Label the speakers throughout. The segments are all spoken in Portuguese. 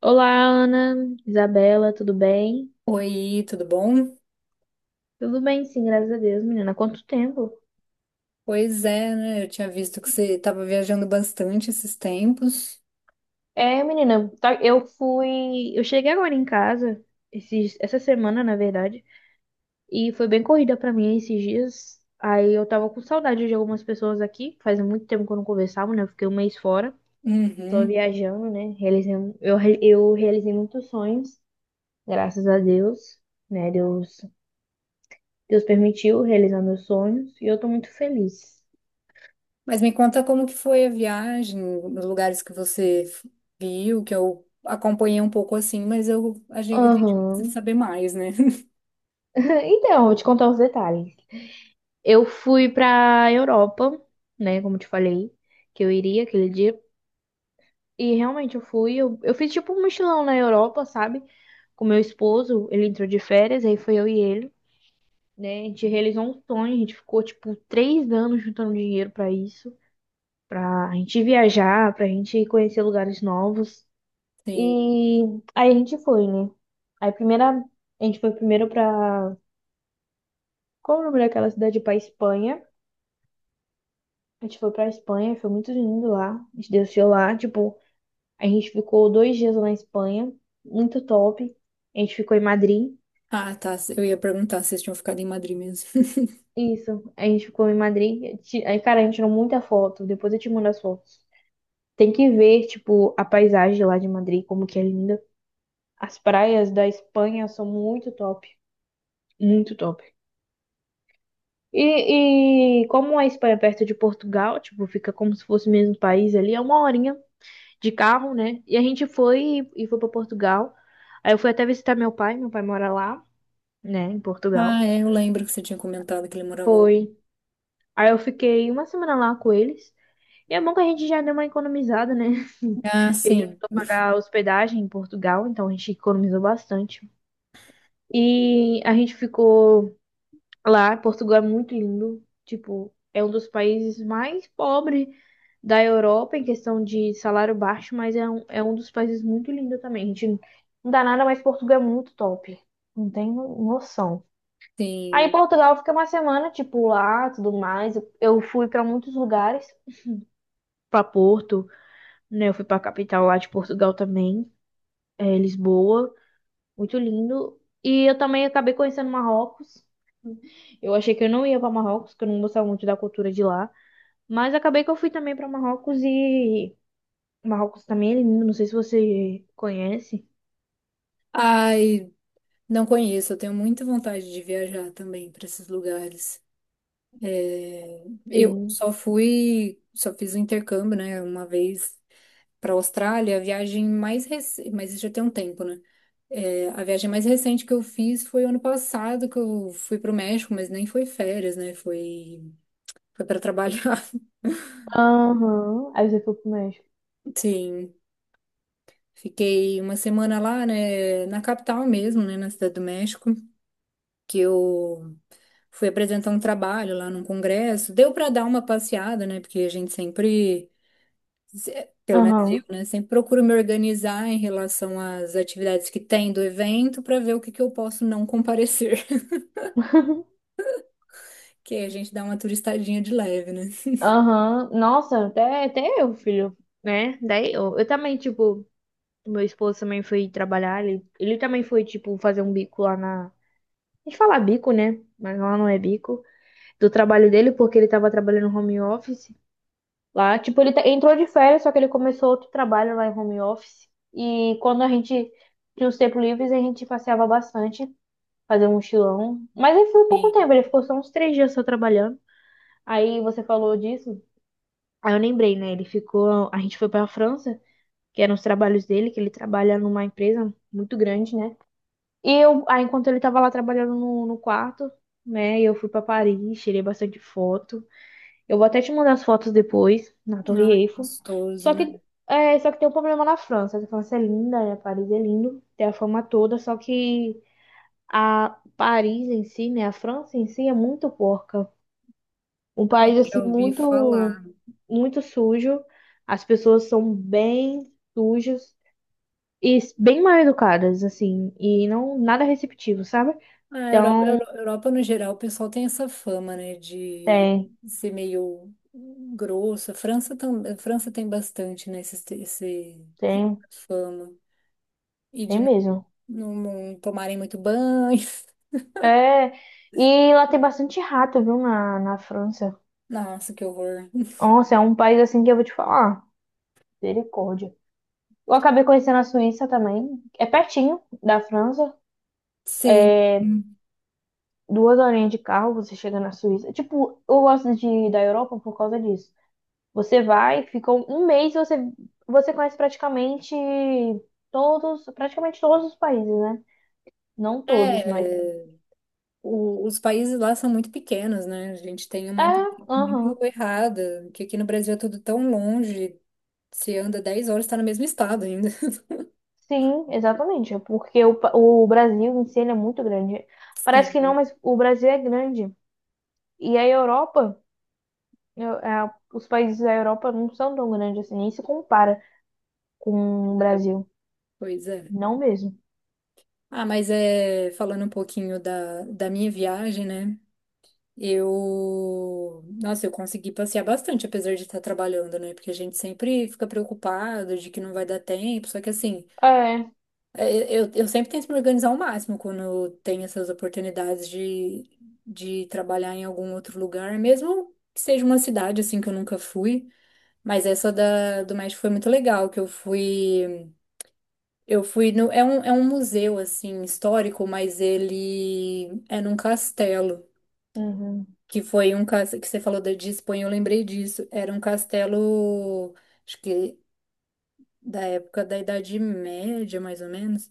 Speaker 1: Olá, Ana, Isabela, tudo bem?
Speaker 2: Oi, tudo bom?
Speaker 1: Tudo bem, sim, graças a Deus, menina. Há quanto tempo?
Speaker 2: Pois é, né? Eu tinha visto que você estava viajando bastante esses tempos.
Speaker 1: É, menina, eu fui. Eu cheguei agora em casa, essa semana, na verdade, e foi bem corrida pra mim esses dias. Aí eu tava com saudade de algumas pessoas aqui. Faz muito tempo que eu não conversava, né? Eu fiquei um mês fora, só
Speaker 2: Uhum.
Speaker 1: viajando, né? Realizei, um, eu, re- eu realizei muitos sonhos, graças a Deus, né? Deus permitiu realizar meus sonhos e eu tô muito feliz.
Speaker 2: Mas me conta como que foi a viagem, os lugares que você viu, que eu acompanhei um pouco assim, mas a gente precisa
Speaker 1: Aham.
Speaker 2: saber mais, né?
Speaker 1: Então, vou te contar os detalhes. Eu fui pra Europa, né? Como eu te falei, que eu iria aquele dia. E realmente eu fui. Eu fiz tipo um mochilão na Europa, sabe? Com meu esposo. Ele entrou de férias, aí foi eu e ele, né? A gente realizou um sonho. A gente ficou tipo 3 anos juntando dinheiro pra isso. Pra gente viajar, pra gente conhecer lugares novos.
Speaker 2: Sim.
Speaker 1: E aí a gente foi, né? Aí primeira. A gente foi primeiro pra. Qual o nome daquela cidade? Pra Espanha. A gente foi pra Espanha, foi muito lindo lá. A gente desceu lá, tipo, a gente ficou 2 dias lá na Espanha, muito top. A gente ficou em Madrid.
Speaker 2: Ah, tá. Eu ia perguntar se vocês tinham ficado em Madrid mesmo.
Speaker 1: Isso, a gente ficou em Madrid. Aí, cara, a gente tirou muita foto. Depois eu te mando as fotos. Tem que ver, tipo, a paisagem lá de Madrid, como que é linda. As praias da Espanha são muito top, muito top. E como a Espanha é perto de Portugal, tipo, fica como se fosse o mesmo país ali, é uma horinha de carro, né? E a gente foi e foi para Portugal. Aí eu fui até visitar meu pai mora lá, né, em Portugal.
Speaker 2: Ah, é, eu lembro que você tinha comentado que ele morava lá.
Speaker 1: Foi. Aí eu fiquei uma semana lá com eles. E é bom que a gente já deu uma economizada, né?
Speaker 2: Ah,
Speaker 1: Porque a gente não
Speaker 2: sim,
Speaker 1: precisou pagar hospedagem em Portugal, então a gente economizou bastante. E a gente ficou lá. Portugal é muito lindo. Tipo, é um dos países mais pobres da Europa em questão de salário baixo, mas é um dos países muito lindo também. A gente não dá nada, mas Portugal é muito top. Não tem noção. Aí em
Speaker 2: sim.
Speaker 1: Portugal fica uma semana, tipo, lá, tudo mais. Eu fui para muitos lugares, para Porto, né? Eu fui para a capital lá de Portugal também, é, Lisboa, muito lindo. E eu também acabei conhecendo Marrocos. Eu achei que eu não ia para Marrocos, que eu não gostava muito da cultura de lá. Mas acabei que eu fui também para Marrocos e Marrocos também é lindo, não sei se você conhece.
Speaker 2: Ai, não conheço. Eu tenho muita vontade de viajar também para esses lugares. É, eu
Speaker 1: Sim.
Speaker 2: só fui, só fiz o intercâmbio, né, uma vez para a Austrália, a viagem mais recente, mas isso já tem um tempo, né? É, a viagem mais recente que eu fiz foi ano passado, que eu fui para o México, mas nem foi férias, né? Foi para trabalhar.
Speaker 1: Aham. Aí você foi pro México.
Speaker 2: Sim, fiquei uma semana lá, né, na capital mesmo, né, na Cidade do México, que eu fui apresentar um trabalho lá num congresso. Deu para dar uma passeada, né, porque a gente sempre pelo menos eu,
Speaker 1: Aham.
Speaker 2: né? Sempre procuro me organizar em relação às atividades que tem do evento para ver o que que eu posso não comparecer. Que aí a gente dá uma turistadinha de leve, né?
Speaker 1: Aham, nossa, até eu, filho, né? Daí eu também, tipo, meu esposo também foi trabalhar, ele também foi, tipo, fazer um bico lá na. A gente fala bico, né? Mas lá não é bico. Do trabalho dele, porque ele tava trabalhando home office. Lá, tipo, ele entrou de férias, só que ele começou outro trabalho lá em home office. E quando a gente tinha os tempos livres, a gente passeava bastante, fazia um mochilão. Mas ele foi pouco tempo,
Speaker 2: Sim.
Speaker 1: ele ficou só uns 3 dias só trabalhando. Aí você falou disso, aí eu lembrei, né? Ele ficou, a gente foi pra França, que eram os trabalhos dele, que ele trabalha numa empresa muito grande, né? E eu, aí enquanto ele tava lá trabalhando no quarto, né? Eu fui pra Paris, tirei bastante foto. Eu vou até te mandar as fotos depois, na Torre
Speaker 2: Ai,
Speaker 1: Eiffel.
Speaker 2: gostoso,
Speaker 1: Só
Speaker 2: né?
Speaker 1: que, só que tem um problema na França. A França é linda, né? Paris é lindo, tem a fama toda, só que a Paris em si, né? A França em si é muito porca. Um
Speaker 2: Ai,
Speaker 1: país, assim,
Speaker 2: já ouvi
Speaker 1: muito,
Speaker 2: falar.
Speaker 1: muito sujo. As pessoas são bem sujas e bem mal educadas, assim, e não nada receptivo, sabe?
Speaker 2: A Europa,
Speaker 1: Então,
Speaker 2: Europa, no geral, o pessoal tem essa fama, né? De
Speaker 1: tem,
Speaker 2: ser meio grosso. A França, a França tem bastante, né? Esse
Speaker 1: tem,
Speaker 2: fama. E de
Speaker 1: tem
Speaker 2: não,
Speaker 1: mesmo.
Speaker 2: não não tomarem muito banho.
Speaker 1: É, e lá tem bastante rato, viu, na França.
Speaker 2: Nossa, que horror.
Speaker 1: Nossa, é um país assim que eu vou te falar. Misericórdia. Eu acabei conhecendo a Suíça também. É pertinho da França.
Speaker 2: Sim.
Speaker 1: É duas horinhas de carro, você chega na Suíça. Tipo, eu gosto de ir da Europa por causa disso. Você vai, fica um mês, você conhece praticamente todos os países, né? Não todos, mas.
Speaker 2: É, os países lá são muito pequenos, né? A gente tem
Speaker 1: É,
Speaker 2: uma impressão
Speaker 1: aham.
Speaker 2: muito errada, que aqui no Brasil é tudo tão longe, se anda 10 horas, está no mesmo estado ainda.
Speaker 1: Sim, exatamente. É, porque o Brasil em si ele é muito grande. Parece que não,
Speaker 2: Sim,
Speaker 1: mas o Brasil é grande. E a Europa. Os países da Europa não são tão grandes assim, nem se compara com o Brasil.
Speaker 2: pois é.
Speaker 1: Não mesmo.
Speaker 2: Ah, mas é, falando um pouquinho da minha viagem, né? Eu, nossa, eu consegui passear bastante, apesar de estar trabalhando, né? Porque a gente sempre fica preocupado de que não vai dar tempo, só que assim.
Speaker 1: É.
Speaker 2: É, eu sempre tento me organizar ao máximo quando tenho essas oportunidades de trabalhar em algum outro lugar, mesmo que seja uma cidade assim que eu nunca fui. Mas essa do México foi muito legal, que eu fui. Eu fui no, é um museu assim histórico, mas ele é num castelo,
Speaker 1: Uhum.
Speaker 2: que foi um castelo que você falou de Espanha, eu lembrei disso. Era um castelo, acho que da época da Idade Média, mais ou menos.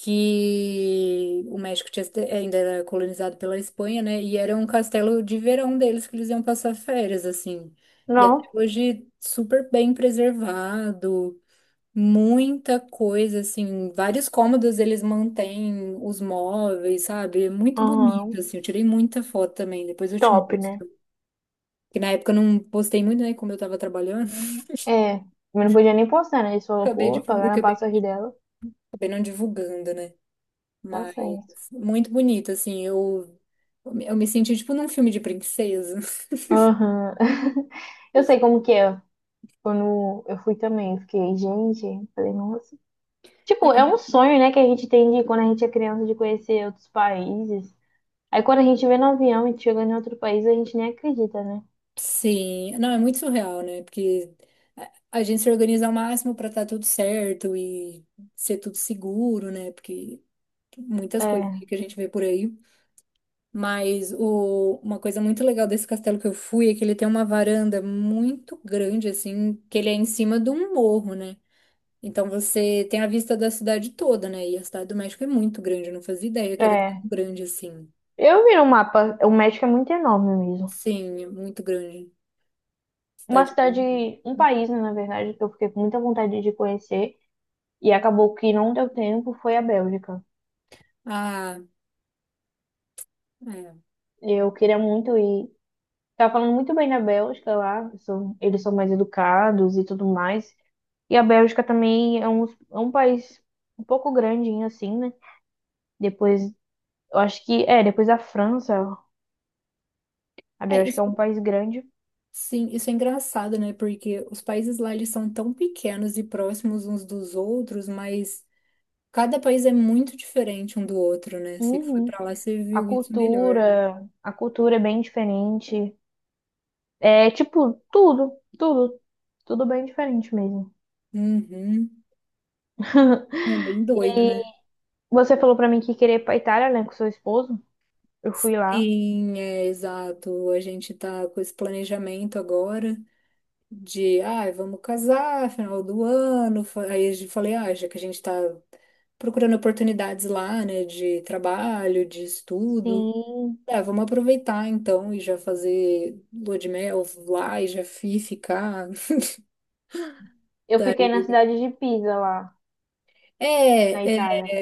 Speaker 2: Que o México ainda era colonizado pela Espanha, né? E era um castelo de verão deles que eles iam passar férias, assim. E até
Speaker 1: Não.
Speaker 2: hoje super bem preservado, muita coisa, assim, vários cômodos eles mantêm os móveis, sabe? É muito bonito,
Speaker 1: Uhum.
Speaker 2: assim. Eu tirei muita foto também, depois eu te
Speaker 1: Top, né?
Speaker 2: mostro. Que na época eu não postei muito, né? Como eu tava trabalhando,
Speaker 1: Uhum. É. Eu não podia nem postar, né? Eles falaram,
Speaker 2: acabei,
Speaker 1: pô,
Speaker 2: divu-
Speaker 1: pagar na
Speaker 2: acabei,
Speaker 1: passagem dela.
Speaker 2: acabei não divulgando, né?
Speaker 1: Tá
Speaker 2: Mas
Speaker 1: certo.
Speaker 2: muito bonito, assim. Eu me senti tipo num filme de princesa.
Speaker 1: Aham. Eu sei como que é. Quando eu fui também, eu fiquei, gente, falei, nossa. Tipo, é um sonho, né, que a gente tem de quando a gente é criança de conhecer outros países. Aí quando a gente vê no avião e chega em outro país, a gente nem acredita, né?
Speaker 2: Sim, não, é muito surreal, né? Porque a a gente se organiza ao máximo para estar tudo certo e ser tudo seguro, né? Porque muitas coisas
Speaker 1: É.
Speaker 2: aí que a gente vê por aí. Mas uma coisa muito legal desse castelo que eu fui é que ele tem uma varanda muito grande, assim, que ele é em cima de um morro, né? Então você tem a vista da cidade toda, né? E a cidade do México é muito grande, eu não fazia ideia que era tão
Speaker 1: É,
Speaker 2: grande assim.
Speaker 1: eu vi no mapa, o México é muito enorme mesmo.
Speaker 2: Sim, é muito grande.
Speaker 1: Uma
Speaker 2: Cidade bem
Speaker 1: cidade,
Speaker 2: grande.
Speaker 1: um país, né, na verdade, que eu fiquei com muita vontade de conhecer e acabou que não deu tempo, foi a Bélgica.
Speaker 2: Ah, é.
Speaker 1: Eu queria muito ir. Tava falando muito bem da Bélgica lá, eles são mais educados e tudo mais. E a Bélgica também é um país um pouco grandinho assim, né? Depois, eu acho que, depois da França, a
Speaker 2: É,
Speaker 1: Bélgica
Speaker 2: isso,
Speaker 1: é um país grande.
Speaker 2: sim, isso é engraçado, né? Porque os países lá eles são tão pequenos e próximos uns dos outros, mas cada país é muito diferente um do outro, né? Você que foi
Speaker 1: Uhum.
Speaker 2: pra lá, você
Speaker 1: A
Speaker 2: viu isso melhor.
Speaker 1: cultura, a cultura é bem diferente. É tipo, tudo, tudo, tudo bem diferente mesmo.
Speaker 2: Uhum. É bem doido,
Speaker 1: E
Speaker 2: né?
Speaker 1: você falou pra mim que queria ir pra Itália, né, com seu esposo? Eu fui lá.
Speaker 2: Sim, é exato. A gente tá com esse planejamento agora. De, ah, vamos casar, final do ano. Aí eu falei, ah, já que a gente tá procurando oportunidades lá, né, de trabalho, de estudo,
Speaker 1: Sim,
Speaker 2: ah, vamos aproveitar então e já fazer lua de mel lá e já ficar.
Speaker 1: eu fiquei na cidade de Pisa, lá
Speaker 2: É,
Speaker 1: na
Speaker 2: é,
Speaker 1: Itália,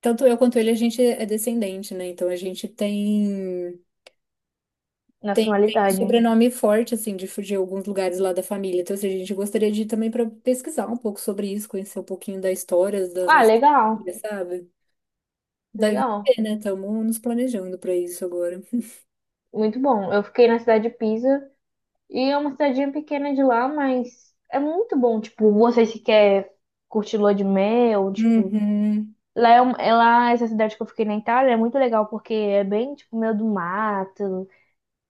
Speaker 2: tanto eu quanto ele, a gente é descendente, né? Então a gente tem. Tem um
Speaker 1: nacionalidade.
Speaker 2: sobrenome forte, assim, de alguns lugares lá da família. Então, assim, a gente gostaria de ir também para pesquisar um pouco sobre isso, conhecer um pouquinho da história das
Speaker 1: Ah,
Speaker 2: nossas
Speaker 1: legal,
Speaker 2: famílias, sabe? Daí vai
Speaker 1: legal,
Speaker 2: ver, né? Estamos nos planejando para isso agora.
Speaker 1: muito bom. Eu fiquei na cidade de Pisa e é uma cidadinha pequena de lá, mas é muito bom. Tipo, você se quer curtir lua de mel, tipo,
Speaker 2: Uhum,
Speaker 1: lá é lá essa cidade que eu fiquei na Itália é muito legal porque é bem tipo meio do mato.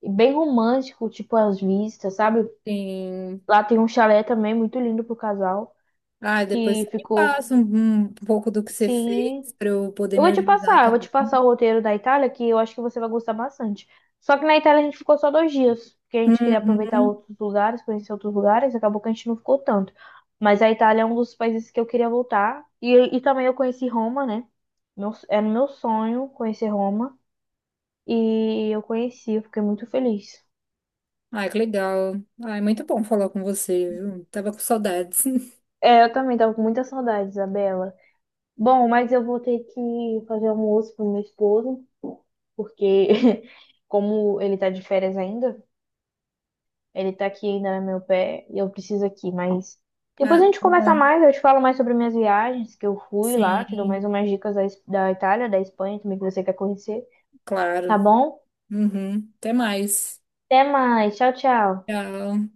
Speaker 1: E bem romântico, tipo as vistas, sabe?
Speaker 2: sim.
Speaker 1: Lá tem um chalé também muito lindo pro casal,
Speaker 2: Ah, depois você
Speaker 1: que
Speaker 2: me
Speaker 1: ficou.
Speaker 2: passa um pouco do que você
Speaker 1: Sim.
Speaker 2: fez para eu poder
Speaker 1: Eu
Speaker 2: me
Speaker 1: vou te
Speaker 2: organizar
Speaker 1: passar, eu vou te
Speaker 2: também.
Speaker 1: passar o roteiro da Itália, que eu acho que você vai gostar bastante. Só que na Itália a gente ficou só 2 dias, porque a gente queria aproveitar
Speaker 2: Uhum.
Speaker 1: outros lugares, conhecer outros lugares, acabou que a gente não ficou tanto. Mas a Itália é um dos países que eu queria voltar. E também eu conheci Roma, né? Meu, era meu sonho conhecer Roma. E eu conheci, eu fiquei muito feliz.
Speaker 2: Ai, que legal. Ai, muito bom falar com você, viu? Tava com saudades.
Speaker 1: É, eu também tava com muita saudade, Isabela. Bom, mas eu vou ter que fazer almoço pro meu esposo, porque como ele tá de férias ainda, ele tá aqui ainda no meu pé e eu preciso aqui, mas depois
Speaker 2: Ah,
Speaker 1: a gente
Speaker 2: tudo
Speaker 1: conversa
Speaker 2: bom.
Speaker 1: mais, eu te falo mais sobre minhas viagens que eu fui lá, te dou mais
Speaker 2: Sim,
Speaker 1: umas dicas da, da Itália, da Espanha também que você quer conhecer,
Speaker 2: claro.
Speaker 1: tá bom?
Speaker 2: Uhum. Até mais.
Speaker 1: Até mais, tchau, tchau.
Speaker 2: Tchau.